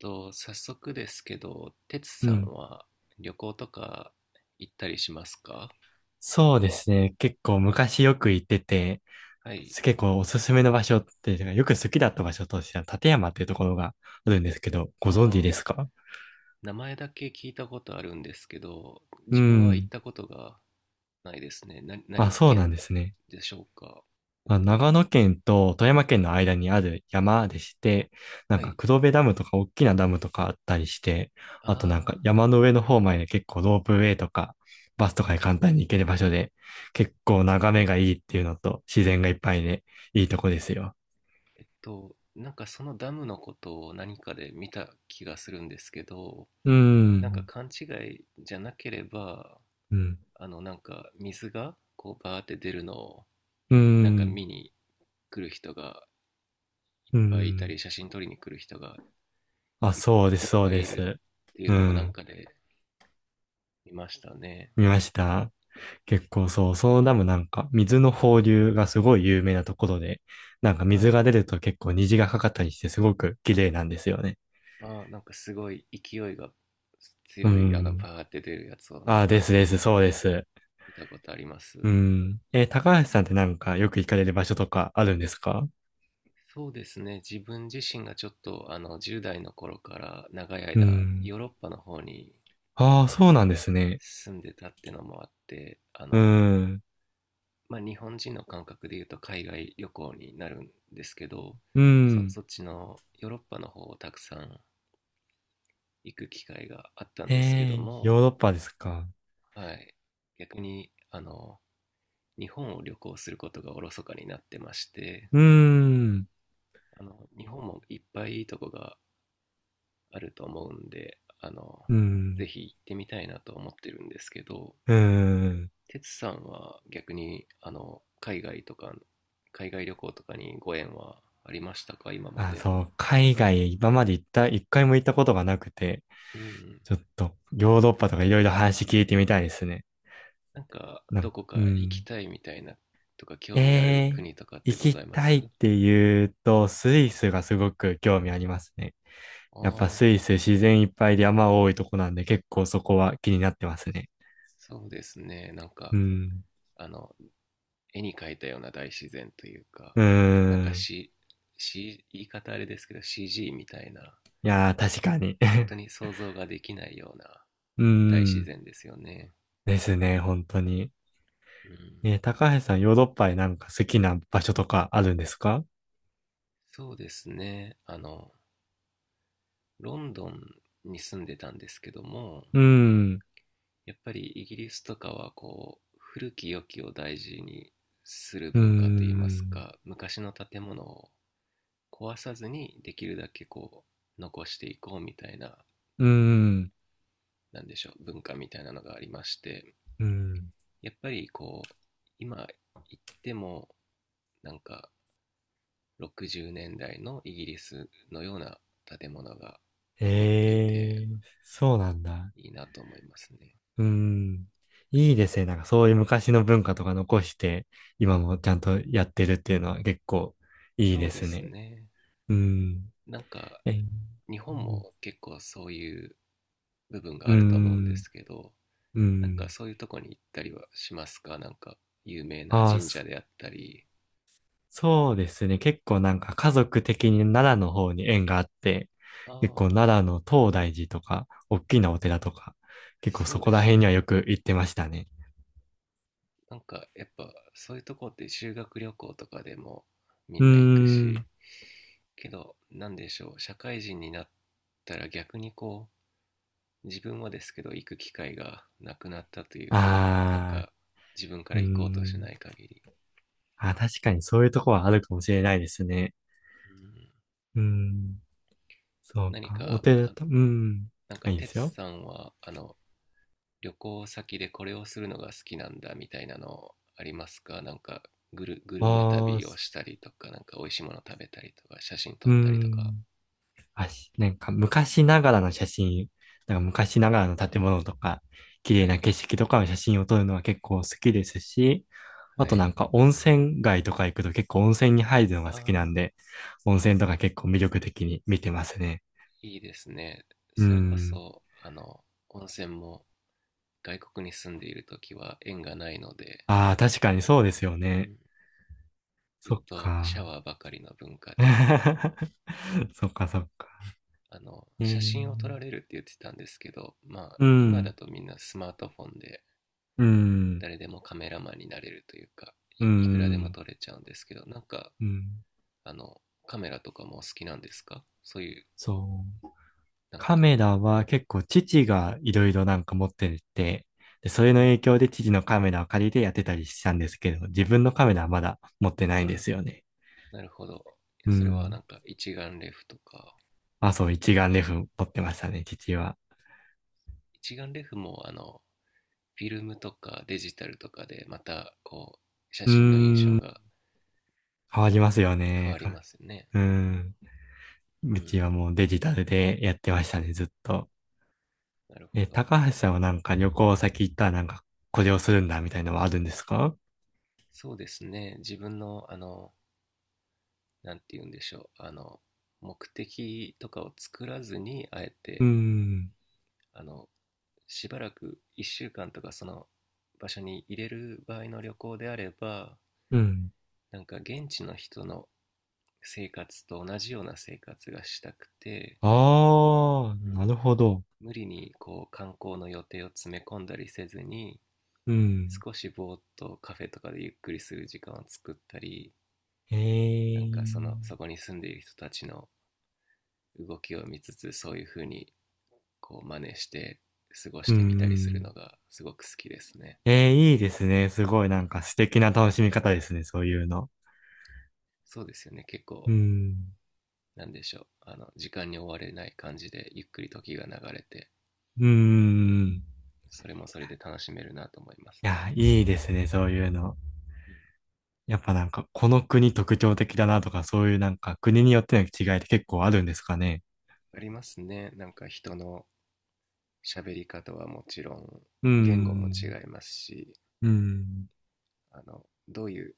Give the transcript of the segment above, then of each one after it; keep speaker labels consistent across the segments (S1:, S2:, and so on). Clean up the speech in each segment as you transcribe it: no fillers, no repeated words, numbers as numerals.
S1: と、早速ですけど、てつ
S2: う
S1: さん
S2: ん。
S1: は旅行とか行ったりしますか？
S2: そうですね。結構昔よく行ってて、
S1: はい。
S2: 結構おすすめの場所っていうか、よく好きだった場所としては、立山っていうところがあるんですけど、ご存知で
S1: ああ、
S2: すか？
S1: 名前だけ聞いたことあるんですけど、
S2: う
S1: 自分は行っ
S2: ん。
S1: たことがないですね。な、
S2: あ、
S1: 何
S2: そうなん
S1: 県
S2: ですね。
S1: でしょうか？えっ
S2: まあ、
S1: と、
S2: 長野県と富山県の間にある山でして、なん
S1: は
S2: か
S1: い。
S2: 黒部ダムとか大きなダムとかあったりして、
S1: あ
S2: あとなんか
S1: あ、
S2: 山の上の方まで結構ロープウェイとか、バスとかで簡単に行ける場所で、結構眺めがいいっていうのと、自然がいっぱいで、いいとこですよ。
S1: なんかそのダムのことを何かで見た気がするんですけど、
S2: う
S1: なんか
S2: ん。
S1: 勘違いじゃなければ、
S2: うん。
S1: なんか水がこうバーって出るのを
S2: う
S1: なんか
S2: ん。
S1: 見に来る人がいっ
S2: う
S1: ぱいいた
S2: ん。
S1: り、写真撮りに来る人が
S2: あ、
S1: い、
S2: そうで
S1: い
S2: す、
S1: っ
S2: そう
S1: ぱい
S2: で
S1: いる
S2: す。
S1: っていう
S2: う
S1: のをなん
S2: ん。
S1: かで見ましたね。
S2: 見ました。結構そう、そのダムなんか、水の放流がすごい有名なところで、なんか
S1: は
S2: 水が
S1: い。
S2: 出ると結構虹がかかったりして、すごく綺麗なんですよね。
S1: あ、なんかすごい勢いが
S2: う
S1: 強い、
S2: ん。
S1: バーって出るやつをなん
S2: あ、で
S1: か
S2: すです、そうです。
S1: 見たことありま
S2: う
S1: す。
S2: ん。高橋さんってなんかよく行かれる場所とかあるんですか？
S1: そうですね。自分自身がちょっと、10代の頃から長い
S2: う
S1: 間、
S2: ん。
S1: ヨーロッパの方に
S2: ああ、そうなんですね。
S1: 住んでたってのもあって、
S2: うん。
S1: まあ、日本人の感覚で言うと海外旅行になるんですけど、
S2: う
S1: そ、
S2: ん。
S1: そっちのヨーロッパの方をたくさん行く機会があったんですけど
S2: ヨー
S1: も、
S2: ロッパですか？
S1: はい、逆にあの日本を旅行することがおろそかになってまして、
S2: うん。
S1: あの日本もいっぱいいいとこがあると思うんで、あの
S2: う
S1: ぜ
S2: ん。
S1: ひ行ってみたいなと思ってるんですけど、
S2: うーん。
S1: 哲さんは逆にあの海外とか海外旅行とかにご縁はありましたか、今ま
S2: あ、
S1: で？
S2: そう、海外今まで行った、一回も行ったことがなくて、
S1: うん。
S2: ちょっとヨーロッパとかいろいろ話聞いてみたいですね。
S1: なんか
S2: なん
S1: どこ
S2: か、う
S1: か行き
S2: ん。
S1: たいみたいなとか、興味ある
S2: えー、
S1: 国とかって
S2: 行
S1: ござ
S2: き
S1: いま
S2: た
S1: す？
S2: いって言うと、スイスがすごく興味ありますね。やっぱス
S1: あ
S2: イ
S1: あ、
S2: ス自然いっぱいで山多いとこなんで結構そこは気になってますね。
S1: そうですね。なんか、
S2: うん。
S1: あの、絵に描いたような大自然というか、
S2: うー
S1: なんか、
S2: ん。
S1: C、C、言い方あれですけど CG みたいな、
S2: いやー、確かに。
S1: 本当 に想像ができないような
S2: うー
S1: 大自
S2: ん。
S1: 然ですよね。
S2: ですね、本当に。
S1: うん。
S2: 高橋さん、ヨーロッパでなんか好きな場所とかあるんですか？
S1: そうですね。ロンドンに住んでたんですけども、
S2: うん、
S1: やっぱりイギリスとかはこう、古き良きを大事にする
S2: う
S1: 文化といいます
S2: ん、
S1: か、昔の建物を壊さずにできるだけこう、残していこうみたいな、
S2: うん、
S1: なんでしょう、文化みたいなのがありまして、
S2: うん。
S1: やっぱりこう、今行っても、なんか60年代のイギリスのような建物が残っていて、
S2: ええ、そうなんだ。
S1: いいなと思いますね。
S2: うん。いいですね。なんかそういう昔の文化とか残して、今もちゃんとやってるっていうのは結構いい
S1: そう
S2: で
S1: で
S2: す
S1: す
S2: ね。
S1: ね。
S2: うん。
S1: なんか、
S2: え、
S1: 日本も結構そういう部分が
S2: う
S1: あると思うんで
S2: ん、
S1: すけど、
S2: うん。う
S1: なんか
S2: ん。
S1: そういうとこに行ったりはしますか、なんか有名な
S2: ああ、
S1: 神社であったり。
S2: そうですね。結構なんか家族的に奈良の方に縁があって、
S1: あ
S2: 結構
S1: あ、
S2: 奈良の東大寺とか、大きなお寺とか、結構
S1: そ
S2: そ
S1: う
S2: こ
S1: で
S2: ら
S1: す
S2: 辺に
S1: ね。
S2: はよく行ってましたね。
S1: なんかやっぱそういうとこって修学旅行とかでもみ
S2: う
S1: んな行く
S2: ー
S1: し、
S2: ん。
S1: けどなんでしょう、社会人になったら逆にこう、自分はですけど行く機会がなくなったというか、なん
S2: あ
S1: か自分か
S2: ー、
S1: ら
S2: うー
S1: 行こうとし
S2: ん。
S1: ない限り、
S2: あ、確かにそういうとこはあるかもしれないですね。
S1: うん、
S2: うーん。そう
S1: 何
S2: か。お
S1: か
S2: 寺
S1: あ、
S2: と、うーん。
S1: なんか
S2: あ、いいです
S1: 哲
S2: よ。
S1: さんはあの旅行先でこれをするのが好きなんだみたいなのありますか、なんかグルグ
S2: あ
S1: ルメ旅を
S2: ー、
S1: したりとか、なんか美味しいもの食べたりとか写真撮
S2: うー
S1: ったりとか。
S2: ん。なんか昔ながらの写真、なんか昔ながらの建物とか、綺
S1: は
S2: 麗な
S1: い。
S2: 景色とかの写真を撮るのは結構好きですし、あ
S1: は
S2: と
S1: い。
S2: なんか温泉街とか行くと結構温泉に入るのが好きなん
S1: ああ、
S2: で、温泉とか結構魅力的に見てますね。
S1: いいですね。
S2: うー
S1: それこ
S2: ん。
S1: そ、温泉も外国に住んでいるときは縁がないので、
S2: ああ、確かにそうですよ
S1: う
S2: ね。
S1: ん、ずっ
S2: そっ
S1: とシャ
S2: か。
S1: ワーばかりの文化で、
S2: そっかそっか。え
S1: 写
S2: ー、
S1: 真を撮られるって言ってたんですけど、まあ、
S2: う
S1: 今だ
S2: ん、
S1: とみんなスマートフォンで
S2: うん、
S1: 誰でもカメラマンになれるというか、
S2: う
S1: い、いくらでも
S2: ん、
S1: 撮れちゃうんですけど、なんか、
S2: うん、
S1: あの、カメラとかもお好きなんですか、そういう、
S2: そう。
S1: なん
S2: カ
S1: か、
S2: メラ
S1: う
S2: は
S1: ん、
S2: 結構父がいろいろなんか持ってて、で、それ
S1: う
S2: の
S1: ん、
S2: 影響で父のカメラを借りてやってたりしたんですけど、自分のカメラはまだ持ってないんで
S1: あ、
S2: すよね。
S1: なるほど。
S2: う
S1: それはな
S2: ん。
S1: んか一眼レフとか、
S2: あ、そう、一眼レフ持ってましたね、父は。
S1: 一眼レフもあのフィルムとかデジタルとかでまたこう写
S2: うー
S1: 真の印象
S2: ん。
S1: が
S2: 変わりますよ
S1: 変
S2: ね。
S1: わり
S2: か、
S1: ますね。
S2: うん。
S1: う
S2: う
S1: ん、
S2: ちはもうデジタルでやってましたね、ずっと。
S1: なるほ
S2: え、
S1: ど。
S2: 高橋さんはなんか旅行先行ったらなんかこれをするんだみたいなのはあるんですか？
S1: そうですね。自分のあのなんて言うんでしょう。あの目的とかを作らずにあえ
S2: う
S1: て、
S2: ん。
S1: あのしばらく1週間とかその場所に入れる場合の旅行であれば、
S2: うん。
S1: なんか現地の人の生活と同じような生活がしたくて、
S2: ああ、
S1: う
S2: な
S1: ん、
S2: るほど。
S1: 無理にこう観光の予定を詰め込んだりせずに
S2: うん。
S1: 少しぼーっとカフェとかでゆっくりする時間を作ったり、
S2: へ
S1: なんかその
S2: え、
S1: そこに住んでいる人たちの動きを見つつそういう風にこう真似して過ごし
S2: うん、う
S1: てみたりする
S2: ん、
S1: のがすごく好きですね。
S2: いいですね。す
S1: う
S2: ごいな
S1: ん、
S2: んか素敵な楽しみ方ですね、そういうの。
S1: そうですよね、結
S2: う
S1: 構
S2: ん、
S1: なんでしょう、あの時間に追われない感じでゆっくり時が流れて、
S2: う
S1: うん、
S2: ん。い
S1: それもそれで楽しめるなと思いますね。
S2: や、いいですね、そういうの。
S1: うん、
S2: やっぱなんか、この国特徴的だなとか、そういうなんか国によっての違いって結構あるんですかね？
S1: ありますね。なんか人の喋り方はもちろん、
S2: う
S1: 言語も違
S2: ん、
S1: いますし、
S2: うん、
S1: あのどういう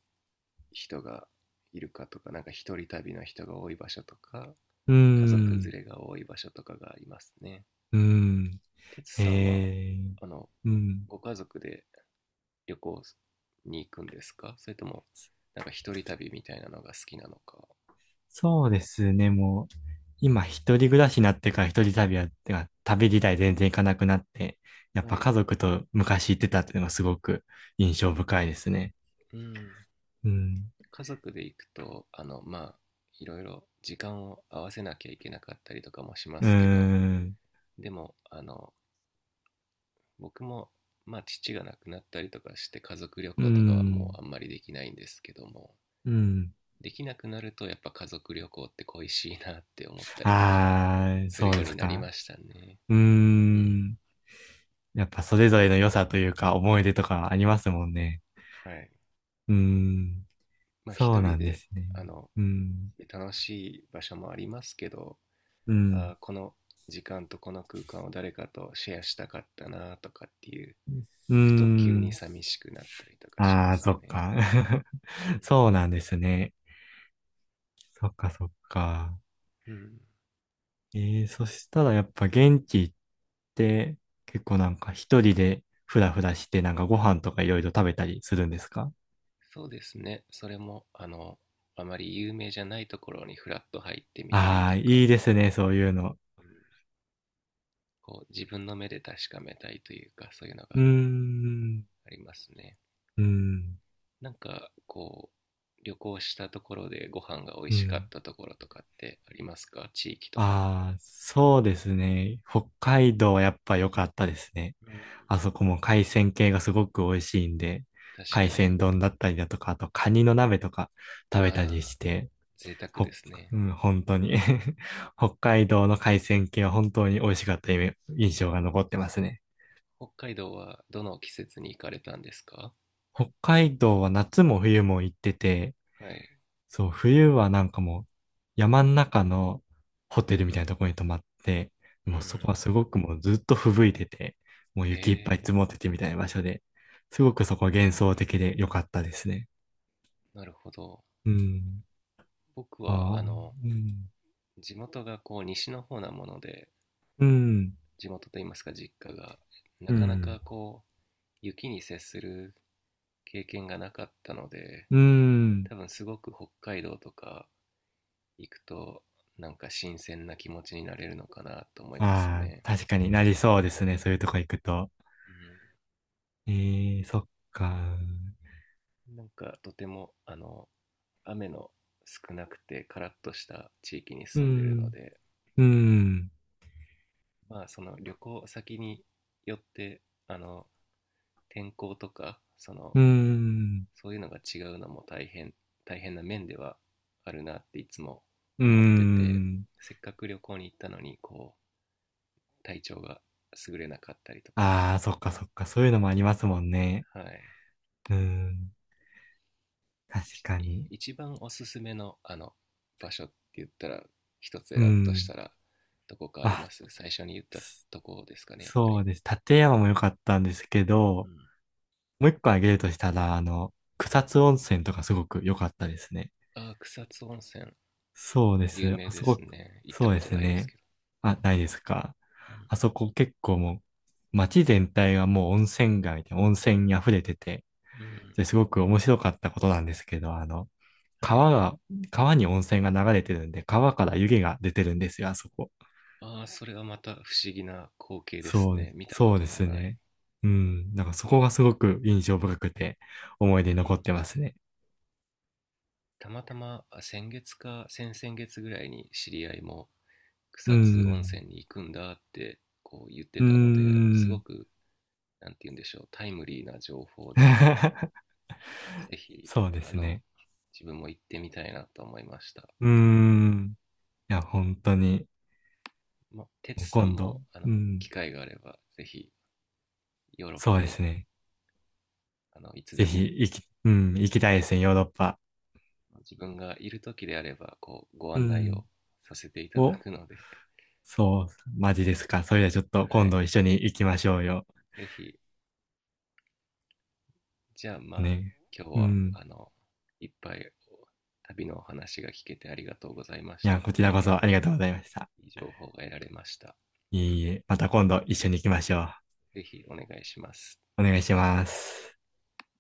S1: 人がいるかとか、なんか一人旅の人が多い場所とか
S2: う
S1: 家族
S2: ん。
S1: 連れが多い場所とかがありますね。
S2: うん。
S1: てつさんは
S2: へえ、
S1: あの
S2: うん。
S1: ご家族で旅行に行くんですか、それともなんか一人旅みたいなのが好きなのか。
S2: そうですね、もう、今一人暮らしになってから一人旅は、てか旅自体全然行かなくなって、やっ
S1: は
S2: ぱ家
S1: い。
S2: 族と昔行ってたっていうのがすごく印象深いですね。
S1: うん。
S2: うん。
S1: 家族で行くとあのまあいろいろ時間を合わせなきゃいけなかったりとかもしま
S2: うー
S1: すけど、
S2: ん。
S1: でもあの僕も、まあ、父が亡くなったりとかして家族旅
S2: うー
S1: 行とかはも
S2: ん。
S1: うあんまりできないんですけども、
S2: うん。
S1: できなくなるとやっぱ家族旅行って恋しいなって思ったりとか
S2: あー、
S1: する
S2: そう
S1: よう
S2: で
S1: に
S2: す
S1: なり
S2: か。
S1: ましたね。
S2: うー
S1: うん。
S2: ん。やっぱそれぞれの良さというか思い出とかありますもんね。
S1: はい。
S2: うーん。
S1: まあ
S2: そう
S1: 一
S2: な
S1: 人
S2: んで
S1: で、
S2: すね。
S1: あの
S2: うん。
S1: 楽しい場所もありますけど、
S2: う
S1: あ、
S2: ん。
S1: この時間とこの空間を誰かとシェアしたかったなとかっていう、
S2: うー
S1: ふと急に
S2: ん。
S1: 寂しくなったりとかしま
S2: あー、
S1: す
S2: そっ
S1: ね。
S2: か。そうなんですね。そっかそっか。
S1: うん、
S2: えー、そしたらやっぱ現地行って結構なんか一人でふらふらしてなんかご飯とかいろいろ食べたりするんですか？
S1: そうですね。それも、あまり有名じゃないところにフラッと入ってみたり
S2: ああ
S1: と
S2: ー、いい
S1: か、
S2: ですね、そういうの。
S1: うん、こう自分の目で確かめたいというか、そういうの
S2: うー
S1: が
S2: ん、
S1: ありますね。
S2: うん、
S1: なんか、こう、旅行したところでご飯が美味
S2: う
S1: しかっ
S2: ん。
S1: たところとかってありますか、地域とか。
S2: ああ、そうですね。北海道はやっぱ良かったですね。
S1: うん、
S2: あそこも海鮮系がすごく美味しいんで、
S1: 確
S2: 海
S1: かに。
S2: 鮮丼だったりだとか、あとカニの鍋とか食べたり
S1: ああ、
S2: して、
S1: 贅沢で
S2: ほ、
S1: すね。
S2: うん、本当に。 北海道の海鮮系は本当に美味しかった印象が残ってますね。
S1: 北海道はどの季節に行かれたんですか？
S2: 北海道は夏も冬も行ってて、
S1: はい。
S2: そう、冬はなんかもう山ん中のホテルみたいなところに泊まって、
S1: う
S2: もうそこ
S1: ん。
S2: はすごくもうずっと吹雪いてて、もう
S1: へ
S2: 雪いっぱい
S1: え、
S2: 積もっててみたいな場所で、すごくそこは幻想的で良かったですね。
S1: なるほど。
S2: うん。
S1: 僕
S2: あ
S1: は、
S2: あ、うん。
S1: 地元がこう西の方なもので、
S2: うん。
S1: 地元といいますか実家が
S2: う
S1: なかな
S2: ん。
S1: かこう雪に接する経験がなかったので、
S2: うん。
S1: 多分すごく北海道とか行くとなんか新鮮な気持ちになれるのかなと思います
S2: ああ、
S1: ね。
S2: 確かになりそうですね、そういうとこ行くと。
S1: う
S2: ええ、そっか。
S1: ん、なんかとてもあの雨の少なくてカラッとした地域に
S2: う
S1: 住んでるの
S2: ん、
S1: で、
S2: うん、
S1: まあその旅行先によってあの天候とかその
S2: うん、
S1: そういうのが違うのも大変、大変な面ではあるなっていつも
S2: う
S1: 思ってて、
S2: ん。
S1: せっかく旅行に行ったのにこう体調が優れなかったりとか、
S2: ああ、そっか
S1: うん、は
S2: そっか。そういうのもありますもんね。
S1: い。
S2: うん、確かに。
S1: 一番おすすめのあの場所って言ったら、一つ選
S2: う
S1: ぶとし
S2: ん。
S1: たらどこかありま
S2: あ、
S1: す？最初に言ったとこですかね、やっぱ
S2: そ
S1: り。
S2: うです。立山も良かったんですけ
S1: う
S2: ど、
S1: ん。
S2: もう一個挙げるとしたら、あの、草津温泉とかすごく良かったですね。
S1: あ、草津温泉、
S2: そうで
S1: 有
S2: す。
S1: 名
S2: あ
S1: で
S2: そ
S1: す
S2: こ、
S1: ね、行った
S2: そう
S1: こ
S2: で
S1: と
S2: す
S1: ないです
S2: ね。
S1: け
S2: あ、ないですか。あ
S1: ど。
S2: そこ結構もう、街全体がもう温泉街で温泉に溢れてて、
S1: うん、うん、
S2: ですごく面白かったことなんですけど、あの、
S1: はい。
S2: 川が、川に温泉が流れてるんで、川から湯気が出てるんですよ、あそこ。
S1: ああ、それはまた不思議な光景です
S2: そうで
S1: ね。
S2: す、
S1: 見たこ
S2: そう
S1: と
S2: で
S1: の
S2: す
S1: ない。
S2: ね。うん、なんかそこがすごく印象深くて、思い
S1: う
S2: 出に残っ
S1: ん。
S2: てますね。
S1: たまたま、あ先月か先々月ぐらいに知り合いも
S2: う
S1: 草津温
S2: ん、
S1: 泉に行くんだってこう言っ
S2: う
S1: て
S2: ー
S1: たので、すご
S2: ん。
S1: く、なんて言うんでしょう、タイムリーな情報で、ぜひ、
S2: そうで
S1: あ
S2: す
S1: の、
S2: ね。
S1: 自分も行ってみたいなと思いました。
S2: うーん。いや、本当に、
S1: まあ、
S2: もう
S1: 哲さん
S2: 今
S1: も、
S2: 度、うん、
S1: 機会があれば、ぜひ、ヨーロッ
S2: そう
S1: パ
S2: で
S1: に、
S2: すね。
S1: いつ
S2: ぜ
S1: で
S2: ひ、
S1: も、
S2: 行き、うん、行きたいですね、ヨーロッパ。
S1: ま自分がいる時であれば、こう、ご
S2: う
S1: 案内を
S2: ん、
S1: させていただ
S2: お、
S1: くので、
S2: そう、マジですか？それではちょっと
S1: は
S2: 今
S1: い。
S2: 度一緒に行きましょうよ。
S1: ぜひ、じゃあまあ、
S2: ね。
S1: 今日
S2: う
S1: は、
S2: ん。
S1: いっぱい旅のお話が聞けてありがとうございまし
S2: いや、
S1: た。
S2: こちら
S1: 大
S2: こそ
S1: 変
S2: ありがとうございました。
S1: いい情報が得られました。
S2: いえいえ、また今度一緒に行きましょ
S1: ぜひお願いします。
S2: う。お願いします。